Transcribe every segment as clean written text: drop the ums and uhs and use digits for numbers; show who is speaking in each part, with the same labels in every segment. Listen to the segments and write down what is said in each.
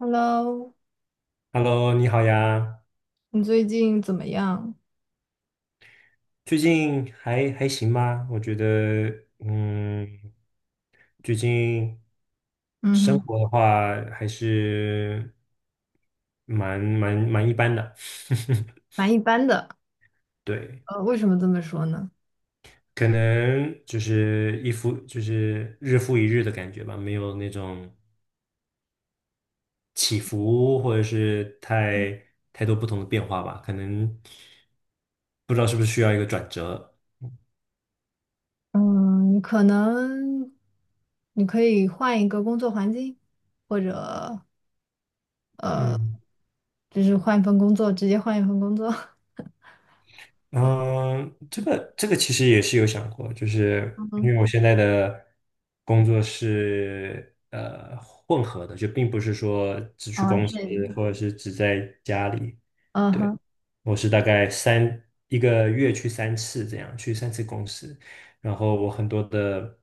Speaker 1: Hello，
Speaker 2: Hello，你好呀，
Speaker 1: 你最近怎么样？
Speaker 2: 最近还行吗？我觉得，最近
Speaker 1: 嗯
Speaker 2: 生
Speaker 1: 哼，
Speaker 2: 活的话还是蛮一般的，
Speaker 1: 蛮一般的。
Speaker 2: 对，
Speaker 1: 为什么这么说呢？
Speaker 2: 可能就是日复一日的感觉吧，没有那种起伏或者是太多不同的变化吧，可能不知道是不是需要一个转折，
Speaker 1: 嗯，可能你可以换一个工作环境，或者
Speaker 2: 嗯。
Speaker 1: 就是换一份工作，直接换一份工作。
Speaker 2: 嗯，这个其实也是有想过，就是
Speaker 1: 嗯，
Speaker 2: 因
Speaker 1: 哼，
Speaker 2: 为我现在的工作是混合的，就并不是说只去
Speaker 1: 哦，
Speaker 2: 公司
Speaker 1: 是，
Speaker 2: 或者是只在家里。
Speaker 1: 嗯
Speaker 2: 对。
Speaker 1: 哼，
Speaker 2: 我是大概一个月去三次这样，去三次公司。然后我很多的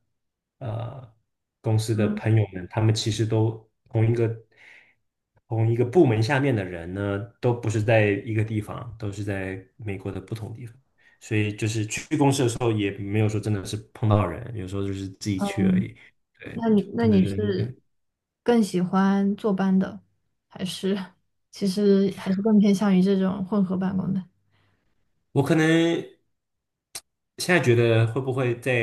Speaker 2: 呃公司的
Speaker 1: 嗯，
Speaker 2: 朋友们，他们其实都同一个部门下面的人呢，都不是在一个地方，都是在美国的不同地方。所以就是去公司的时候，也没有说真的是碰到人，有时候就是自己去而
Speaker 1: 嗯，
Speaker 2: 已。对，
Speaker 1: 那
Speaker 2: 就
Speaker 1: 你那
Speaker 2: 可能
Speaker 1: 你
Speaker 2: 人。
Speaker 1: 是更喜欢坐班的，还是其实还是更偏向于这种混合办公的？
Speaker 2: 我可能现在觉得会不会再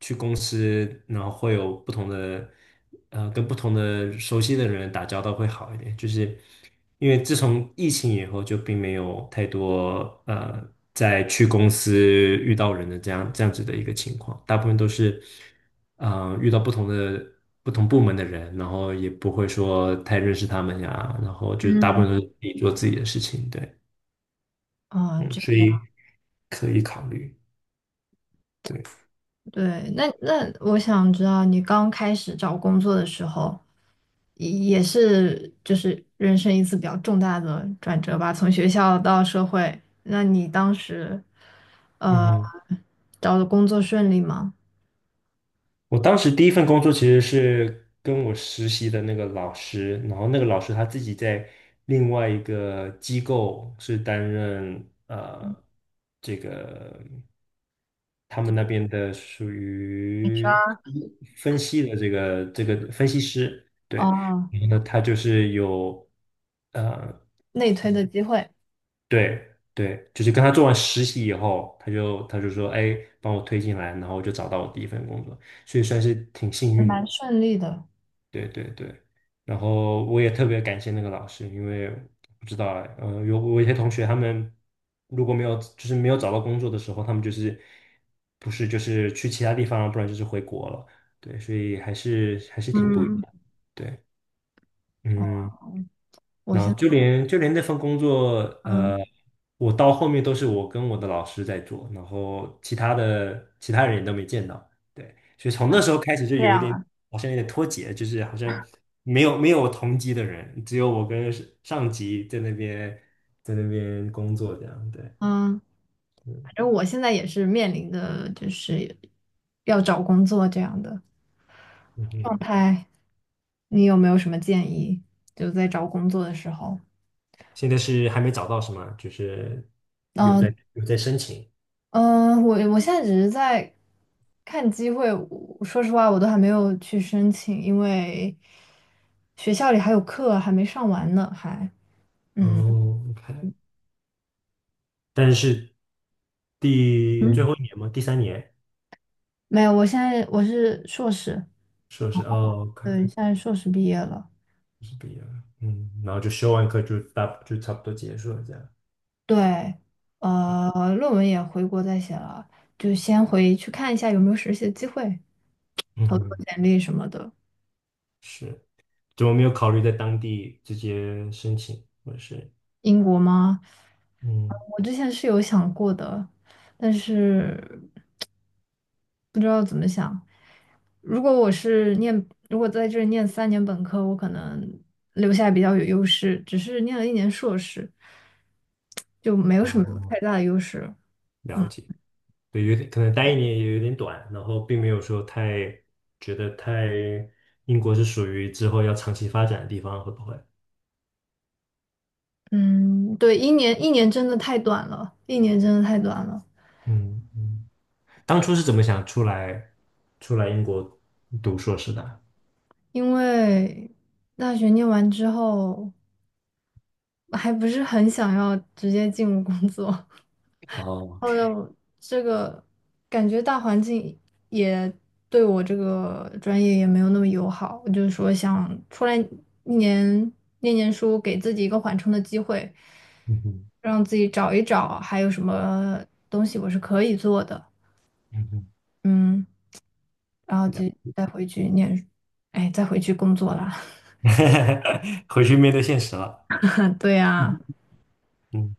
Speaker 2: 去公司，然后会有不同的，跟不同的熟悉的人打交道会好一点，就是因为自从疫情以后，就并没有太多在去公司遇到人的这样子的一个情况，大部分都是遇到不同部门的人，然后也不会说太认识他们呀，然后就大部
Speaker 1: 嗯，
Speaker 2: 分都是自己做自己的事情，对。
Speaker 1: 啊、
Speaker 2: 嗯，
Speaker 1: 这。
Speaker 2: 所以可以考虑。对，
Speaker 1: 对，那我想知道，你刚开始找工作的时候，也是就是人生一次比较重大的转折吧，从学校到社会。那你当时，
Speaker 2: 嗯
Speaker 1: 呃，
Speaker 2: 哼，
Speaker 1: 找的工作顺利吗？
Speaker 2: 我当时第一份工作其实是跟我实习的那个老师，然后那个老师他自己在另外一个机构是担任这个他们那边的属于
Speaker 1: HR，
Speaker 2: 分析的这个分析师，对，
Speaker 1: 哦，
Speaker 2: 然后呢，他就是有呃。
Speaker 1: 内推的机会
Speaker 2: 对对，就是跟他做完实习以后，他就说，哎，帮我推进来，然后我就找到我第一份工作，所以算是挺幸
Speaker 1: 还
Speaker 2: 运
Speaker 1: 蛮
Speaker 2: 的。
Speaker 1: 顺利的。
Speaker 2: 对对对，然后我也特别感谢那个老师，因为不知道哎，我有一些同学他们如果没有找到工作的时候，他们不是就是去其他地方，不然就是回国了。对，所以还是挺不一
Speaker 1: 嗯，
Speaker 2: 样。对，嗯。
Speaker 1: 哦，我
Speaker 2: 然
Speaker 1: 现
Speaker 2: 后就
Speaker 1: 在
Speaker 2: 连就连那份工作，呃，
Speaker 1: 嗯
Speaker 2: 我到后面都是我跟我的老师在做，然后其他人也都没见到，对，所以从那时候开始就
Speaker 1: 这
Speaker 2: 有一
Speaker 1: 样
Speaker 2: 点
Speaker 1: 啊，
Speaker 2: 好像有点脱节，就是好像没有同级的人，只有我跟上级在那边工作这样，对，
Speaker 1: 嗯，反
Speaker 2: 嗯
Speaker 1: 正我现在也是面临的就是要找工作这样的
Speaker 2: 嗯哼，
Speaker 1: 状态。你有没有什么建议？就在找工作的时候，
Speaker 2: 现在是还没找到是吗？就是有
Speaker 1: 嗯
Speaker 2: 在有在申请，
Speaker 1: 嗯，我现在只是在看机会。我说实话，我都还没有去申请，因为学校里还有课还没上完呢，还嗯
Speaker 2: 哦，OK，但是最
Speaker 1: 嗯，
Speaker 2: 后一年吗？第三年。
Speaker 1: 没有。我现在我是硕士，
Speaker 2: 硕士哦，OK，
Speaker 1: 对，现在硕士毕业了，
Speaker 2: 是毕业了，然后就修完课就差不多结束了这样。
Speaker 1: 对，论文也回国再写了，就先回去看一下有没有实习的机会，
Speaker 2: 嗯
Speaker 1: 投投
Speaker 2: 哼，
Speaker 1: 简历什么的。
Speaker 2: 是，怎么没有考虑在当地直接申请，或者是？
Speaker 1: 英国吗？嗯
Speaker 2: 嗯，
Speaker 1: 我之前是有想过的，但是 不知道怎么想。如果我是念，如果在这里念3年本科，我可能留下比较有优势，只是念了一年硕士，就没有什么
Speaker 2: 哦，
Speaker 1: 太大的优势。
Speaker 2: 了
Speaker 1: 嗯
Speaker 2: 解。对，有点可能待一年也有点短，然后并没有说太觉得太英国是属于之后要长期发展的地方，会不会？
Speaker 1: 嗯，对，一年一年真的太短了，一年真的太短了，
Speaker 2: 嗯嗯，当初是怎么想出来英国读硕士的啊。
Speaker 1: 因为大学念完之后，还不是很想要直接进入工作。
Speaker 2: 哦，OK，
Speaker 1: 哦又这个感觉大环境也对我这个专业也没有那么友好，我就是说想出来一年念念书，给自己一个缓冲的机会，
Speaker 2: 嗯哼，
Speaker 1: 让自己找一找还有什么东西我是可以做的，
Speaker 2: 嗯哼，
Speaker 1: 嗯，然后就再回去念，哎，再回去工作啦。
Speaker 2: 回去面对现实了。
Speaker 1: 对呀，
Speaker 2: 嗯嗯，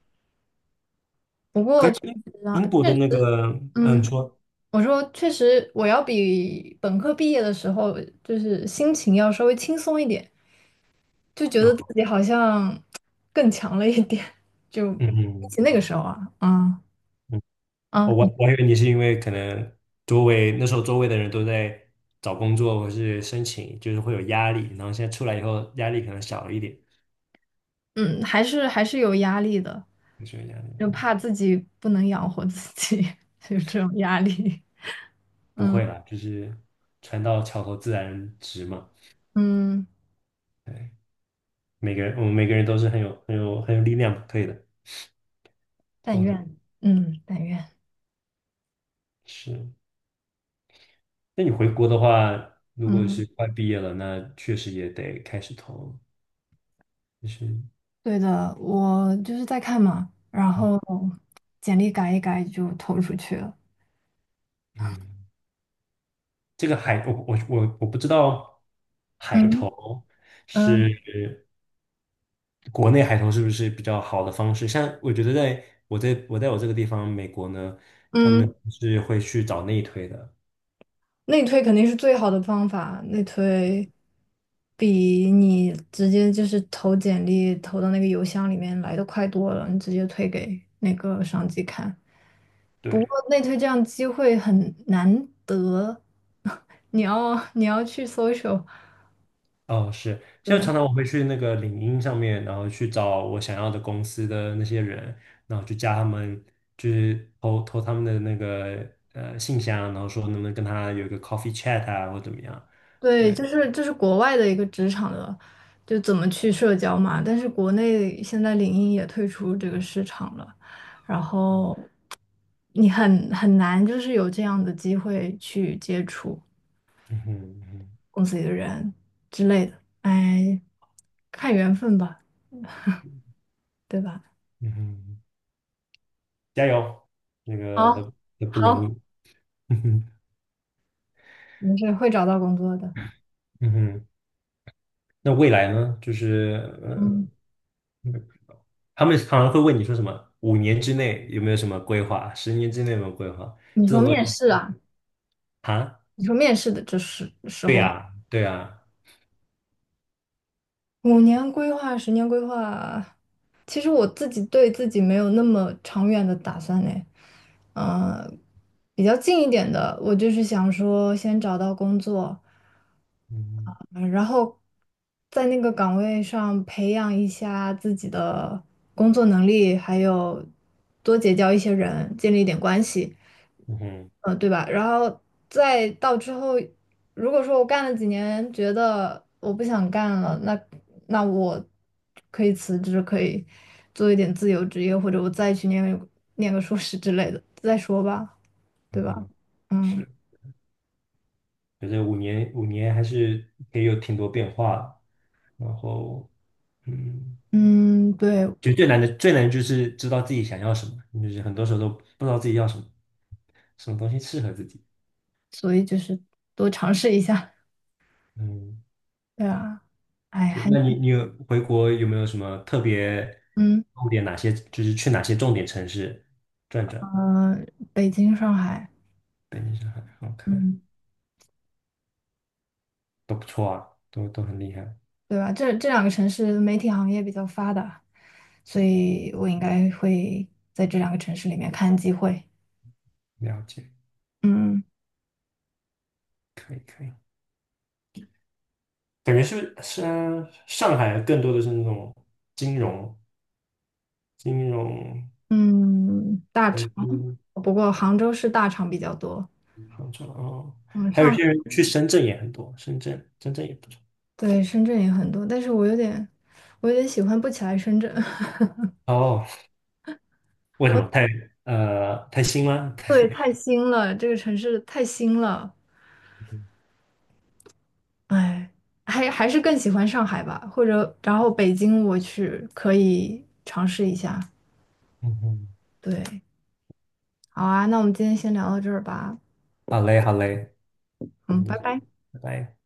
Speaker 1: 不过
Speaker 2: 可是
Speaker 1: 确
Speaker 2: 英
Speaker 1: 实啊，
Speaker 2: 英国的
Speaker 1: 确实
Speaker 2: 那个，嗯，你
Speaker 1: 嗯。
Speaker 2: 说，
Speaker 1: 我说，确实，我要比本科毕业的时候，就是心情要稍微轻松一点。就觉得
Speaker 2: 啊
Speaker 1: 自己好像更强了一点，就
Speaker 2: 嗯
Speaker 1: 比
Speaker 2: 嗯
Speaker 1: 起那个时候啊，嗯
Speaker 2: 嗯，哦
Speaker 1: 啊，你
Speaker 2: 我还以为你是因为可能那时候周围的人都在找工作或是申请，就是会有压力，然后现在出来以后压力可能小一点，
Speaker 1: 嗯，还是有压力的，
Speaker 2: 你说压力
Speaker 1: 就怕自己不能养活自己，有这种压力。
Speaker 2: 不会啦，就是船到桥头自然直嘛。
Speaker 1: 嗯，
Speaker 2: 对，每个人我们每个人都是很有力量，可以的，
Speaker 1: 但
Speaker 2: 做的
Speaker 1: 愿，嗯，但愿，
Speaker 2: 是。那你回国的话，如果
Speaker 1: 嗯，
Speaker 2: 是快毕业了，那确实也得开始投。就是
Speaker 1: 对的，我就是在看嘛，然
Speaker 2: 嗯
Speaker 1: 后简历改一改就投出去了。
Speaker 2: 嗯，这个海，我不知道海
Speaker 1: 嗯
Speaker 2: 投是
Speaker 1: 嗯
Speaker 2: 国内海投是不是比较好的方式？像我觉得在我这个地方美国呢，他们
Speaker 1: 嗯。
Speaker 2: 是会去找内推的，
Speaker 1: 内推肯定是最好的方法，内推比你直接就是投简历投到那个邮箱里面来的快多了，你直接推给那个上级看。不过
Speaker 2: 对。
Speaker 1: 内推这样机会很难得，你要去搜一 c i
Speaker 2: 哦，是，现在
Speaker 1: 对，
Speaker 2: 常常我会去那个领英上面，然后去找我想要的公司的那些人，然后去加他们，就是投他们的那个信箱，然后说能不能跟他有一个 coffee chat 啊，或怎么样？
Speaker 1: 对，
Speaker 2: 对，
Speaker 1: 就是国外的一个职场的，就怎么去社交嘛。但是国内现在领英也退出这个市场了，然后你很难就是有这样的机会去接触
Speaker 2: 嗯哼嗯哼
Speaker 1: 公司里的人之类的。哎，看缘分吧，对吧？
Speaker 2: 嗯哼，加油，那个
Speaker 1: 好，
Speaker 2: 都不容易，
Speaker 1: 好，
Speaker 2: 嗯哼
Speaker 1: 没事，会找到工作的。
Speaker 2: 嗯哼，那未来呢？就是呃，
Speaker 1: 嗯，
Speaker 2: 嗯他们常常会问你说什么？五年之内有没有什么规划？10年之内有没有规划？
Speaker 1: 你说面试啊？
Speaker 2: 啊，
Speaker 1: 你说面试的这时
Speaker 2: 对
Speaker 1: 候。
Speaker 2: 呀，对呀。
Speaker 1: 5年规划、10年规划，其实我自己对自己没有那么长远的打算嘞。呃，比较近一点的，我就是想说先找到工作，
Speaker 2: 嗯
Speaker 1: 嗯然后在那个岗位上培养一下自己的工作能力，还有多结交一些人，建立一点关系。
Speaker 2: 嗯哼
Speaker 1: 嗯，对吧？然后再到之后，如果说我干了几年，觉得我不想干了，那我可以辞职，可以做一点自由职业，或者我再去念个硕士之类的，再说吧，
Speaker 2: 嗯
Speaker 1: 对吧？
Speaker 2: 哼，
Speaker 1: 嗯
Speaker 2: 是，觉得5年5年还是也有挺多变化的。然后，嗯，
Speaker 1: 嗯，对，
Speaker 2: 就最难的就是知道自己想要什么，就是很多时候都不知道自己要什么，什么东西适合自己。
Speaker 1: 所以就是多尝试一下，
Speaker 2: 嗯，
Speaker 1: 对啊，哎，
Speaker 2: 是。
Speaker 1: 还
Speaker 2: 那你有回国有没有什么特别
Speaker 1: 嗯
Speaker 2: 重点？哪些就是去哪些重点城市转转？
Speaker 1: 嗯、北京、上海，
Speaker 2: 北京、上海，好看，
Speaker 1: 嗯。
Speaker 2: 都不错，都很厉害。
Speaker 1: 对吧？这两个城市媒体行业比较发达，所以我应该会在这两个城市里面看机会。
Speaker 2: 了解，
Speaker 1: 嗯
Speaker 2: 可以可以。感觉是不是上海更多的是那种金融、金融、
Speaker 1: 嗯，大
Speaker 2: 台
Speaker 1: 厂，
Speaker 2: 资、
Speaker 1: 不过杭州是大厂比较多。
Speaker 2: 杭州哦，
Speaker 1: 嗯，
Speaker 2: 还有一
Speaker 1: 上，
Speaker 2: 些人去深圳也很多，深圳也不错。
Speaker 1: 对，深圳也很多，但是我有点喜欢不起来深圳。
Speaker 2: 哦，为什么太新吗？
Speaker 1: 对，太新了，这个城市太新了。哎，还是更喜欢上海吧，或者然后北京我去可以尝试一下。
Speaker 2: 嗯哼，
Speaker 1: 对，好啊，那我们今天先聊到这儿吧。
Speaker 2: 好嘞好嘞，嗯，
Speaker 1: 嗯，拜拜。
Speaker 2: 拜拜。